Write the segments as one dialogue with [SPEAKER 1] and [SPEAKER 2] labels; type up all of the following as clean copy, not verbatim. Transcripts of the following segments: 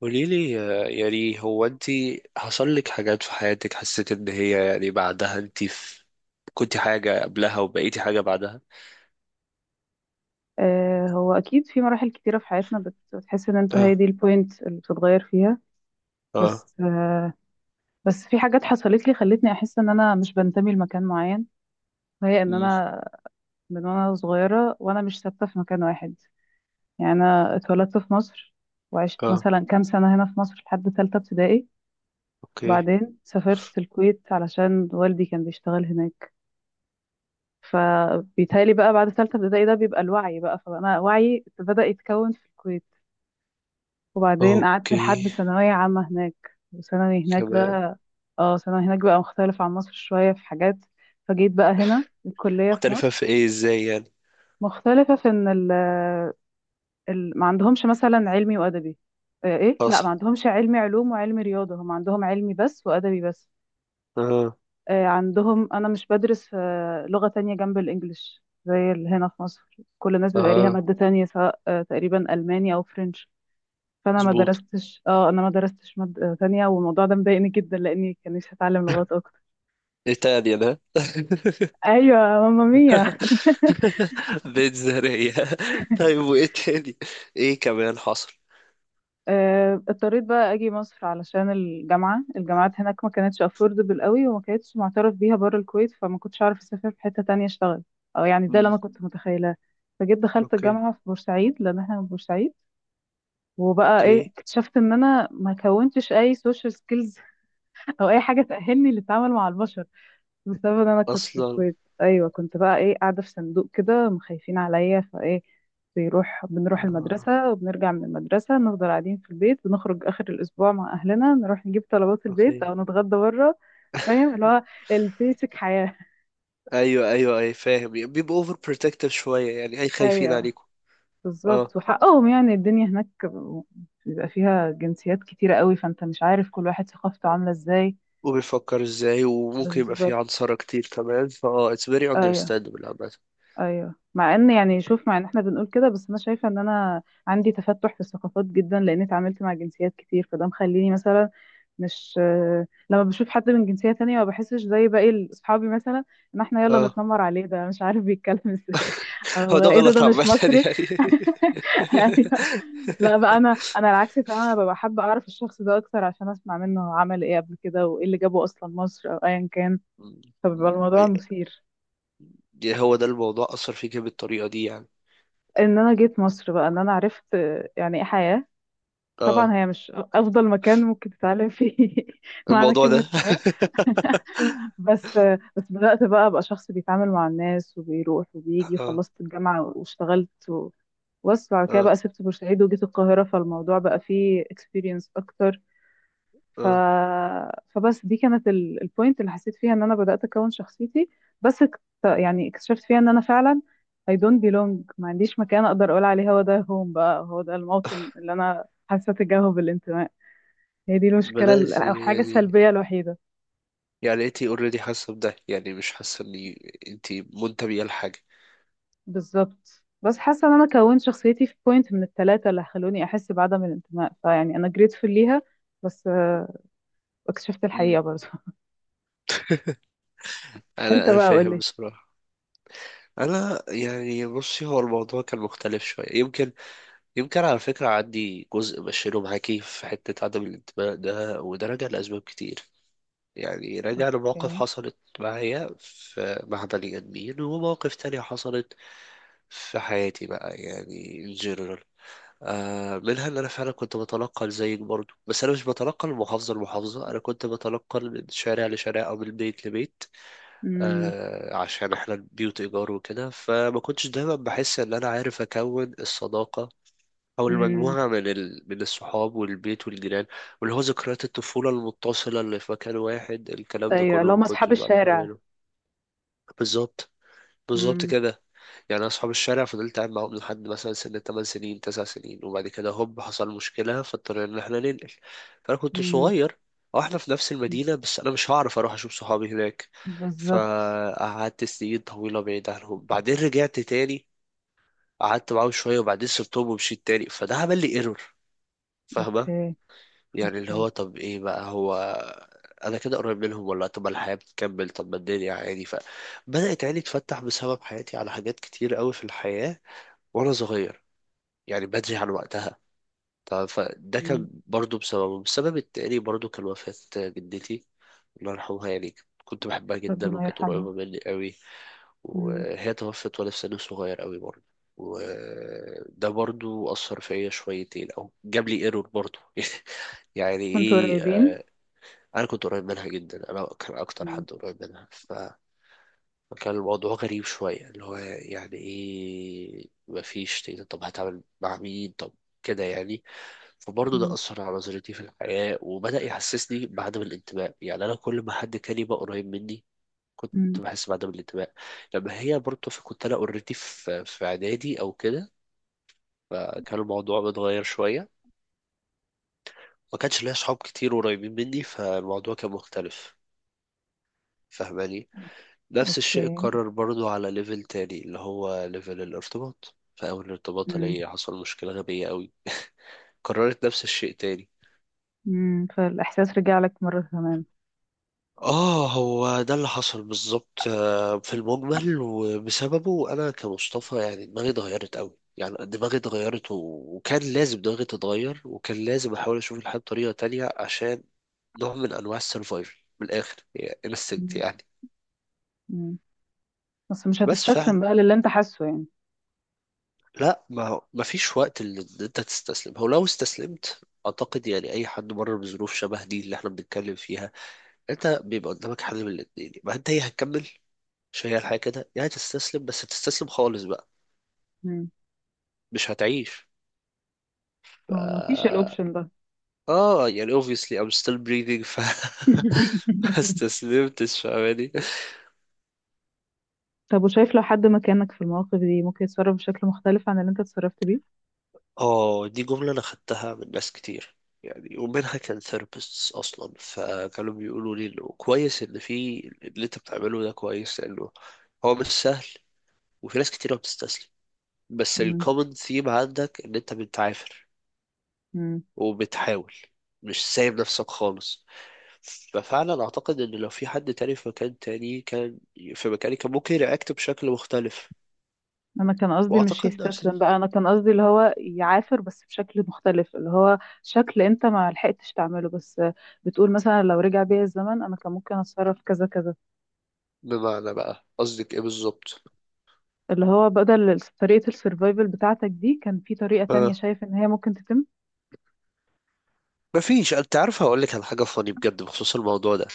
[SPEAKER 1] قولي لي، يعني هو انت حصل لك حاجات في حياتك حسيت ان هي يعني بعدها انت، في كنت حاجة قبلها وبقيتي حاجة بعدها؟
[SPEAKER 2] آه، هو اكيد في مراحل كتيره في حياتنا بتحس ان انت هي
[SPEAKER 1] اه.
[SPEAKER 2] دي البوينت اللي بتتغير فيها.
[SPEAKER 1] اه.
[SPEAKER 2] بس آه، بس في حاجات حصلت لي خلتني احس ان انا مش بنتمي لمكان معين، وهي ان
[SPEAKER 1] مم.
[SPEAKER 2] انا من وانا صغيره وانا مش ثابته في مكان واحد. يعني انا اتولدت في مصر، وعشت
[SPEAKER 1] اه.
[SPEAKER 2] مثلا كام سنه هنا في مصر لحد ثالثه ابتدائي.
[SPEAKER 1] اوكي.
[SPEAKER 2] وبعدين سافرت الكويت علشان والدي كان بيشتغل هناك. فبيتهيألي بقى بعد ثالثه ابتدائي ده بيبقى الوعي بقى، فانا وعي بدأ يتكون في الكويت. وبعدين قعدت
[SPEAKER 1] اوكي
[SPEAKER 2] لحد ثانوية عامة هناك. وثانوي هناك ده
[SPEAKER 1] كمان.
[SPEAKER 2] اه ثانوي هناك بقى مختلف عن مصر شوية في حاجات. فجيت بقى هنا الكلية في
[SPEAKER 1] مختلفة
[SPEAKER 2] مصر.
[SPEAKER 1] في ايه؟ ازاي يعني؟
[SPEAKER 2] مختلفة في ان ال ما عندهمش مثلا علمي وأدبي. ايه، لا، ما
[SPEAKER 1] اصلا.
[SPEAKER 2] عندهمش علمي علوم وعلمي رياضة، هم عندهم علمي بس وأدبي بس.
[SPEAKER 1] اه.
[SPEAKER 2] عندهم انا مش بدرس لغة تانية جنب الإنجليش زي اللي هنا في مصر. كل الناس بيبقى ليها
[SPEAKER 1] اه.
[SPEAKER 2] مادة تانية، سواء تقريبا ألماني أو فرنش. فانا ما
[SPEAKER 1] مظبوط.
[SPEAKER 2] درستش اه انا ما درستش مادة تانية، والموضوع ده مضايقني جدا لاني كانش هتعلم لغات اكتر.
[SPEAKER 1] ايه تاني انا؟
[SPEAKER 2] ايوه ماما ميا.
[SPEAKER 1] بيت زرية. طيب وايه تاني؟ ايه كمان حصل؟
[SPEAKER 2] اضطريت بقى اجي مصر علشان الجامعات هناك ما كانتش افوردبل قوي، وما كانتش معترف بيها بره الكويت، فما كنتش اعرف اسافر في حته تانية اشتغل. او يعني ده اللي
[SPEAKER 1] مم.
[SPEAKER 2] انا كنت متخيلاه. فجيت دخلت
[SPEAKER 1] اوكي.
[SPEAKER 2] الجامعه في بورسعيد، لان احنا من بورسعيد. وبقى ايه،
[SPEAKER 1] اوكي.
[SPEAKER 2] اكتشفت ان انا ما كونتش اي سوشيال سكيلز او اي حاجه تاهلني للتعامل مع البشر. بسبب ان انا كنت في
[SPEAKER 1] اصلا.
[SPEAKER 2] الكويت، ايوه، كنت بقى ايه، قاعده في صندوق كده، مخايفين عليا فايه. بنروح
[SPEAKER 1] اه.
[SPEAKER 2] المدرسه، وبنرجع من المدرسه، نفضل قاعدين في البيت. بنخرج اخر الاسبوع مع اهلنا، نروح نجيب طلبات البيت او
[SPEAKER 1] اوكي.
[SPEAKER 2] نتغدى بره. فاهم اللي هو البيسك حياه.
[SPEAKER 1] ايوه ايوه، اي فاهم، بيبقوا اوفر بروتكتيف شويه يعني، اي خايفين
[SPEAKER 2] ايوه.
[SPEAKER 1] عليكم.
[SPEAKER 2] بالظبط،
[SPEAKER 1] اه،
[SPEAKER 2] وحقهم يعني، الدنيا هناك بيبقى فيها جنسيات كتيره قوي، فانت مش عارف كل واحد ثقافته عامله ازاي.
[SPEAKER 1] وبيفكر ازاي، وممكن يبقى فيه
[SPEAKER 2] بالظبط.
[SPEAKER 1] عنصرة كتير كمان، فاه it's very
[SPEAKER 2] ايوه،
[SPEAKER 1] understandable عامة.
[SPEAKER 2] ايوه، مع ان احنا بنقول كده، بس انا شايفه ان انا عندي تفتح في الثقافات جدا، لان اتعاملت مع جنسيات كتير، فده مخليني مثلا مش، لما بشوف حد من جنسيه تانية، ما بحسش زي باقي اصحابي مثلا، ان احنا يلا
[SPEAKER 1] اه.
[SPEAKER 2] نتنمر عليه. ده مش عارف بيتكلم ازاي،
[SPEAKER 1] هو
[SPEAKER 2] او
[SPEAKER 1] ده
[SPEAKER 2] ايه ده، ده
[SPEAKER 1] غلط
[SPEAKER 2] مش
[SPEAKER 1] عامة،
[SPEAKER 2] مصري.
[SPEAKER 1] يعني.
[SPEAKER 2] ايوه. لا بقى انا العكس تماما، ببقى حابه اعرف الشخص ده اكتر، عشان اسمع منه هو عمل ايه قبل كده، وايه اللي جابه اصلا مصر او ايا كان. فبيبقى الموضوع مثير.
[SPEAKER 1] يعني هو ده الموضوع أثر فيك بالطريقة دي يعني؟
[SPEAKER 2] ان انا جيت مصر بقى، ان انا عرفت يعني ايه حياة. طبعا
[SPEAKER 1] اه.
[SPEAKER 2] هي مش افضل مكان ممكن تتعلم فيه معنى
[SPEAKER 1] الموضوع
[SPEAKER 2] كلمة
[SPEAKER 1] ده.
[SPEAKER 2] حياة. بس بس بدأت بقى ابقى شخص بيتعامل مع الناس، وبيروح وبيجي،
[SPEAKER 1] اه.
[SPEAKER 2] وخلصت الجامعة واشتغلت و... بس بعد كده
[SPEAKER 1] اه.
[SPEAKER 2] بقى سبت بورسعيد وجيت القاهرة، فالموضوع بقى فيه experience اكتر. ف...
[SPEAKER 1] اه.
[SPEAKER 2] فبس دي كانت البوينت اللي حسيت فيها ان انا بدأت اكون شخصيتي. يعني اكتشفت فيها ان انا فعلا I don't belong. ما عنديش مكان اقدر اقول عليه هو ده هوم، بقى هو ده الموطن اللي انا حاسه تجاهه بالانتماء. هي دي المشكله
[SPEAKER 1] بدأت
[SPEAKER 2] او الحاجه
[SPEAKER 1] يعني؟
[SPEAKER 2] السلبيه الوحيده.
[SPEAKER 1] يعني انتي اوريدي حاسة بده؟ يعني مش حاسة اني، انتي منتبهة لحاجة.
[SPEAKER 2] بالظبط، بس حاسه ان انا كونت شخصيتي في بوينت من الثلاثه اللي خلوني احس بعدم الانتماء، فيعني انا grateful ليها. بس اكتشفت الحقيقه برضه.
[SPEAKER 1] انا
[SPEAKER 2] انت
[SPEAKER 1] انا
[SPEAKER 2] بقى قول
[SPEAKER 1] فاهم
[SPEAKER 2] لي.
[SPEAKER 1] بصراحه. انا يعني، بصي، هو الموضوع كان مختلف شويه يمكن. يمكن على فكره عندي جزء بشيله معاكي في حته عدم الانتماء ده، وده راجع لاسباب كتير. يعني راجع
[SPEAKER 2] اوكي.
[SPEAKER 1] لمواقف حصلت معايا في، مع بني ادمين، ومواقف تانية حصلت في حياتي بقى، يعني in general. منها ان انا فعلا كنت بتنقل زيك برضو، بس انا مش بتنقل من محافظه لمحافظه، انا كنت بتنقل من شارع لشارع او من بيت لبيت.
[SPEAKER 2] امم.
[SPEAKER 1] عشان احنا البيوت ايجار وكده، فما كنتش دايما بحس ان انا عارف اكون الصداقه او المجموعه من الصحاب والبيت والجيران، واللي هو ذكريات الطفوله المتصله اللي في مكان واحد، الكلام ده
[SPEAKER 2] ايوه
[SPEAKER 1] كله
[SPEAKER 2] اللي
[SPEAKER 1] ما
[SPEAKER 2] هم
[SPEAKER 1] كنتش
[SPEAKER 2] اصحاب
[SPEAKER 1] بعرف
[SPEAKER 2] الشارع.
[SPEAKER 1] اعمله. بالظبط. بالظبط
[SPEAKER 2] امم.
[SPEAKER 1] كده، يعني. أنا أصحاب الشارع فضلت قاعد معاهم لحد مثلا سن 8 سنين 9 سنين، وبعد كده هوب حصل مشكلة فاضطرينا إن إحنا ننقل. فأنا كنت
[SPEAKER 2] امم.
[SPEAKER 1] صغير، أو إحنا في نفس المدينة بس أنا مش هعرف أروح أشوف صحابي هناك.
[SPEAKER 2] بالظبط.
[SPEAKER 1] فقعدت سنين طويلة بعيد عنهم، بعدين رجعت تاني، قعدت معاهم شوية وبعدين سبتهم ومشيت تاني، فده عمل لي ايرور. فاهمة؟
[SPEAKER 2] اوكي.
[SPEAKER 1] يعني اللي
[SPEAKER 2] اوكي.
[SPEAKER 1] هو طب إيه بقى هو، أنا كده قريب منهم ولا؟ طب ما الحياة بتكمل، طب ما الدنيا عادي. ف بدأت عيني تفتح بسبب حياتي على حاجات كتير قوي في الحياة وانا صغير، يعني بدري عن وقتها. طب فده
[SPEAKER 2] امم.
[SPEAKER 1] كان برضو بسببه. السبب التاني برضو كان وفاة جدتي، الله يرحمها، يعني كنت بحبها جدا
[SPEAKER 2] ربنا
[SPEAKER 1] وكانت
[SPEAKER 2] يرحمها.
[SPEAKER 1] قريبة مني قوي،
[SPEAKER 2] امم.
[SPEAKER 1] وهي توفت وانا في سن صغير قوي برضو. وده برضو أثر فيا شويتين، أو جاب لي ايرور برضو. يعني
[SPEAKER 2] كنتوا
[SPEAKER 1] ايه،
[SPEAKER 2] قريبين؟
[SPEAKER 1] أنا كنت قريب منها جدا، أنا كان أكتر
[SPEAKER 2] امم.
[SPEAKER 1] حد قريب منها. ف كان الموضوع غريب شوية، اللي هو يعني ايه مفيش تقدر، طب هتعمل مع مين؟ طب كده يعني. فبرضه ده
[SPEAKER 2] امم.
[SPEAKER 1] أثر على نظرتي في الحياة وبدأ يحسسني بعدم الانتماء. يعني أنا كل ما حد كان يبقى قريب مني كنت
[SPEAKER 2] امم.
[SPEAKER 1] بحس بعدم الانتماء. لما هي برضه كنت أنا أوريدي في إعدادي أو كده، فكان الموضوع متغير شوية. ما كانش ليا أصحاب كتير قريبين مني، فالموضوع كان مختلف. فاهماني؟ نفس الشيء
[SPEAKER 2] اوكي.
[SPEAKER 1] اتكرر برضو على ليفل تاني، اللي هو ليفل الارتباط. في أول ارتباط
[SPEAKER 2] امم.
[SPEAKER 1] ليا حصل مشكلة غبية قوي، كررت نفس الشيء تاني.
[SPEAKER 2] امم. فالاحساس رجع لك مره كمان؟
[SPEAKER 1] اه، هو ده اللي حصل بالظبط، في المجمل. وبسببه انا كمصطفى يعني دماغي اتغيرت قوي، يعني دماغي اتغيرت، و... وكان لازم دماغي تتغير، وكان لازم احاول اشوف الحياة بطريقة تانية، عشان نوع من انواع السرفايفل من الاخر، يعني انستنكت
[SPEAKER 2] امم.
[SPEAKER 1] يعني.
[SPEAKER 2] امم. بس مش
[SPEAKER 1] بس فعلا،
[SPEAKER 2] هتستسلم بقى للي انت حاسه يعني؟
[SPEAKER 1] لا، ما هو ما فيش وقت اللي انت تستسلم. هو لو استسلمت، اعتقد يعني اي حد مر بظروف شبه دي اللي احنا بنتكلم فيها، انت بيبقى قدامك حل من الاتنين. ما انت هي هتكمل، مش هي الحياة كده، يعني تستسلم بس تستسلم خالص بقى
[SPEAKER 2] امم.
[SPEAKER 1] مش هتعيش. ف...
[SPEAKER 2] ما هو ما فيش الاوبشن ده.
[SPEAKER 1] اه يعني obviously I'm still breathing. ف ما استسلمتش، فاهماني؟
[SPEAKER 2] طب، وشايف لو حد مكانك في المواقف دي ممكن يتصرف بشكل مختلف عن اللي انت اتصرفت بيه؟
[SPEAKER 1] اه، دي جملة أنا خدتها من ناس كتير، يعني ومنها كان ثيرابيستس أصلا، فكانوا بيقولوا لي إنه كويس، إن في اللي أنت بتعمله ده كويس، لأنه هو مش سهل، وفي ناس كتير ما بتستسلم. بس الكومن ثيم عندك إن أنت بتعافر
[SPEAKER 2] امم.
[SPEAKER 1] وبتحاول، مش سايب نفسك خالص. ففعلا أعتقد إن لو في حد تاني في مكان تاني كان، في مكاني، كان ممكن يرياكت بشكل مختلف.
[SPEAKER 2] انا كان قصدي مش
[SPEAKER 1] وأعتقد
[SPEAKER 2] يستسلم
[SPEAKER 1] نفس،
[SPEAKER 2] بقى، انا كان قصدي اللي هو يعافر بس بشكل مختلف، اللي هو شكل انت ما لحقتش تعمله، بس بتقول مثلا لو رجع بيا الزمن انا كان ممكن اتصرف كذا كذا.
[SPEAKER 1] بمعنى بقى قصدك إيه بالظبط؟
[SPEAKER 2] اللي هو بدل طريقة السرفايفل بتاعتك دي، كان في طريقة تانية
[SPEAKER 1] آه.
[SPEAKER 2] شايف ان هي ممكن تتم.
[SPEAKER 1] مفيش. انت عارف هقول لك على حاجه فاني بجد بخصوص الموضوع ده.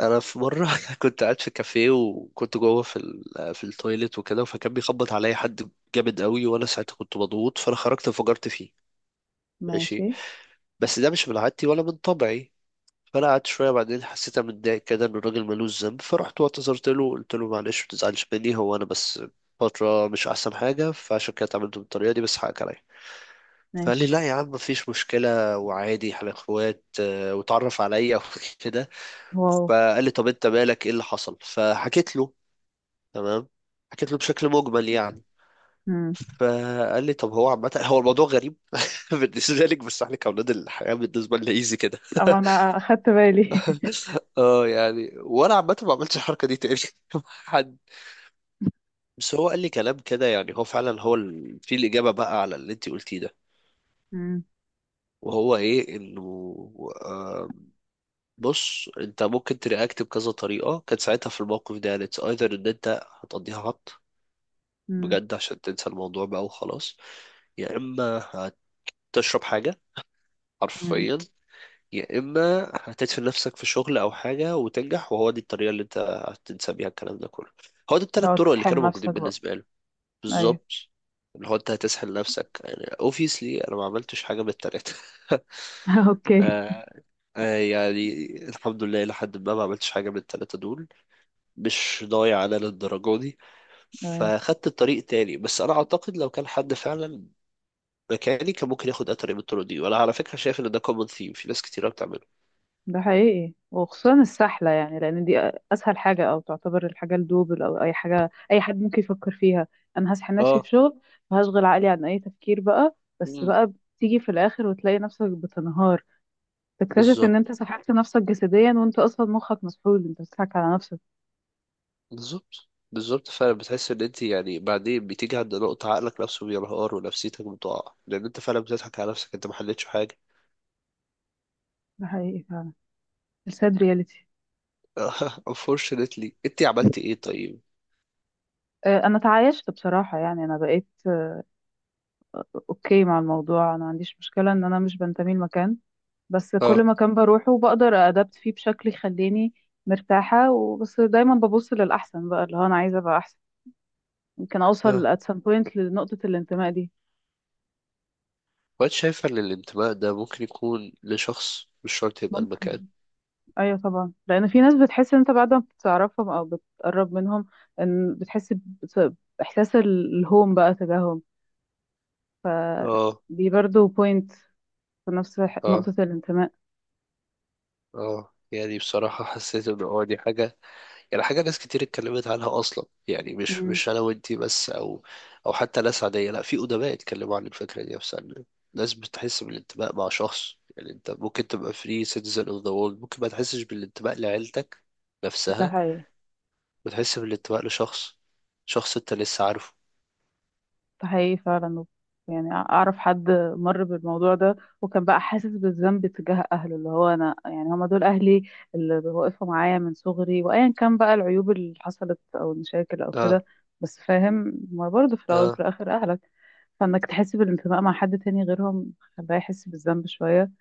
[SPEAKER 1] انا في مره كنت قاعد في كافيه، وكنت جوه في التويليت وكده، فكان بيخبط عليا حد جامد قوي، وانا ساعتها كنت مضغوط، فانا خرجت انفجرت فيه. ماشي.
[SPEAKER 2] ماشي.
[SPEAKER 1] بس ده مش من عادتي ولا من طبعي. فانا قعدت شويه، بعدين حسيت أنا متضايق كده، ان الراجل ملوش ذنب، فرحت واعتذرت له، قلت له معلش ما تزعلش مني، هو انا بس فتره مش احسن حاجه، فعشان كده اتعاملت بالطريقه دي، بس حقك عليا. فقال لي
[SPEAKER 2] ماشي.
[SPEAKER 1] لا يا عم، مفيش مشكلة وعادي، احنا اخوات، واتعرف عليا وكده.
[SPEAKER 2] واو.
[SPEAKER 1] فقال لي طب انت مالك، ايه اللي حصل؟ فحكيت له. تمام، حكيت له بشكل مجمل يعني.
[SPEAKER 2] امم.
[SPEAKER 1] فقال لي طب، هو عامة هو الموضوع غريب بالنسبة لك، بس احنا كأولاد الحياة بالنسبة لنا ايزي كده.
[SPEAKER 2] اما انا اخدت بالي.
[SPEAKER 1] اه يعني، وانا عامة ما عملتش الحركة دي تاني مع حد. بس هو قال لي كلام كده، يعني هو فعلا، هو في الإجابة بقى على اللي انت قلتيه ده،
[SPEAKER 2] امم.
[SPEAKER 1] وهو ايه، انه، آه، بص انت ممكن ترياكت بكذا طريقة كانت ساعتها في الموقف ده. يعني اتس ايذر ان انت هتقضيها هبط
[SPEAKER 2] امم.
[SPEAKER 1] بجد عشان تنسى الموضوع بقى وخلاص، يا اما هتشرب حاجة
[SPEAKER 2] امم.
[SPEAKER 1] حرفيا، يا اما هتدفن نفسك في شغل او حاجة وتنجح، وهو دي الطريقة اللي انت هتنسى بيها الكلام ده كله. هو دي
[SPEAKER 2] لو
[SPEAKER 1] التلات طرق اللي
[SPEAKER 2] تسحل
[SPEAKER 1] كانوا موجودين
[SPEAKER 2] نفسك بقى.
[SPEAKER 1] بالنسبة له.
[SPEAKER 2] ايوه.
[SPEAKER 1] بالظبط، اللي هو انت هتسحل نفسك. يعني obviously انا ما عملتش حاجة من التلاتة.
[SPEAKER 2] اوكي.
[SPEAKER 1] آه. آه يعني الحمد لله لحد ما ما عملتش حاجة من التلاتة دول، مش ضايع على للدرجة دي. فخدت الطريق تاني. بس أنا أعتقد لو كان حد فعلا مكاني، كان ممكن ياخد أي طريق من الطرق دي، وأنا على فكرة شايف إن ده كومن ثيم في ناس كتيرة بتعمله.
[SPEAKER 2] ده حقيقي، وخصوصا السحلة، يعني لأن دي أسهل حاجة، أو تعتبر الحاجة الدوبل، أو أي حاجة أي حد ممكن يفكر فيها. أنا هسحل نفسي في
[SPEAKER 1] اه.
[SPEAKER 2] شغل وهشغل عقلي عن أي تفكير بقى، بس
[SPEAKER 1] مم.
[SPEAKER 2] بقى بتيجي في الآخر وتلاقي نفسك بتنهار. تكتشف إن
[SPEAKER 1] بالظبط.
[SPEAKER 2] أنت سحلت نفسك جسديا، وأنت أصلا مخك مسحول، أنت بتضحك على نفسك.
[SPEAKER 1] بالظبط بالظبط فعلا، بتحس إن أنت يعني بعدين بتيجي عند نقطة عقلك نفسه بينهار ونفسيتك بتقع، لأن أنت فعلا بتضحك على نفسك، أنت ما حلتش حاجة.
[SPEAKER 2] ده حقيقي فعلا. الساد رياليتي.
[SPEAKER 1] unfortunately أنت عملت إيه طيب؟
[SPEAKER 2] انا تعايشت بصراحه، يعني انا بقيت اوكي مع الموضوع. انا ما عنديش مشكله ان انا مش بنتمي لمكان، بس كل
[SPEAKER 1] اه.
[SPEAKER 2] مكان بروحه بقدر أدبت فيه بشكل يخليني مرتاحة، وبس دايما ببص للأحسن بقى، اللي هو أنا عايزة أبقى أحسن، ممكن
[SPEAKER 1] اه.
[SPEAKER 2] أوصل at some point لنقطة الانتماء دي.
[SPEAKER 1] وأنت شايفة إن الانتماء ده ممكن يكون لشخص، مش شرط يبقى
[SPEAKER 2] ممكن.
[SPEAKER 1] المكان؟
[SPEAKER 2] أيوة طبعا، لأن في ناس بتحس إن أنت بعد ما بتعرفهم أو بتقرب منهم إن بتحس بإحساس الهوم بقى تجاههم.
[SPEAKER 1] اه.
[SPEAKER 2] فدي برضو point في نفس
[SPEAKER 1] اه.
[SPEAKER 2] نقطة الانتماء.
[SPEAKER 1] اه يعني بصراحة حسيت ان اه دي حاجة، يعني حاجة ناس كتير اتكلمت عنها اصلا، يعني مش
[SPEAKER 2] مم.
[SPEAKER 1] مش انا وانتي بس، او او حتى ناس عادية، لا، في ادباء اتكلموا عن الفكرة دي نفسها، إن ناس بتحس بالانتماء مع شخص. يعني انت ممكن تبقى فري citizen of the world، ممكن ما تحسش بالانتماء لعيلتك
[SPEAKER 2] ده
[SPEAKER 1] نفسها
[SPEAKER 2] حقيقي،
[SPEAKER 1] وتحس بالانتماء لشخص، شخص انت لسه عارفه.
[SPEAKER 2] ده حقيقي فعلا. يعني اعرف حد مر بالموضوع ده، وكان بقى حاسس بالذنب تجاه اهله، اللي هو انا يعني هما دول اهلي اللي واقفوا معايا من صغري، وايا كان بقى العيوب اللي حصلت او المشاكل او
[SPEAKER 1] اه.
[SPEAKER 2] كده. بس فاهم ما برضه، في الاول وفي
[SPEAKER 1] اه.
[SPEAKER 2] الاخر اهلك، فانك تحس بالانتماء مع حد تاني غيرهم خلاه يحس بالذنب شويه.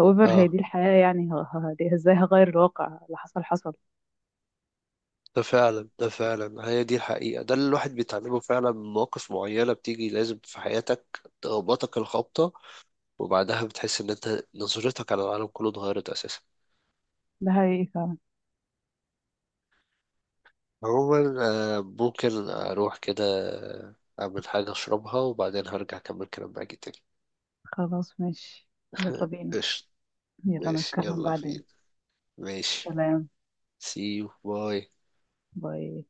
[SPEAKER 2] however هي
[SPEAKER 1] اه
[SPEAKER 2] دي الحياه يعني، دي ازاي هغير الواقع، اللي حصل حصل.
[SPEAKER 1] ده فعلا، ده فعلا هي دي الحقيقة، ده اللي الواحد بيتعلمه فعلا من مواقف معينة بتيجي لازم في حياتك تخبطك الخبطة، وبعدها بتحس ان انت نظرتك على العالم كله اتغيرت اساسا.
[SPEAKER 2] ده حقيقي فعلا.
[SPEAKER 1] عموما، ممكن اروح كده آه، اعمل حاجة اشربها، وبعدين هرجع اكمل كلام معاك تاني.
[SPEAKER 2] خلاص ماشي. يلا بينا.
[SPEAKER 1] قشطة.
[SPEAKER 2] يلا
[SPEAKER 1] ماشي،
[SPEAKER 2] نتكلم
[SPEAKER 1] يلا فين.
[SPEAKER 2] بعدين.
[SPEAKER 1] ماشي.
[SPEAKER 2] سلام.
[SPEAKER 1] see you، باي.
[SPEAKER 2] باي.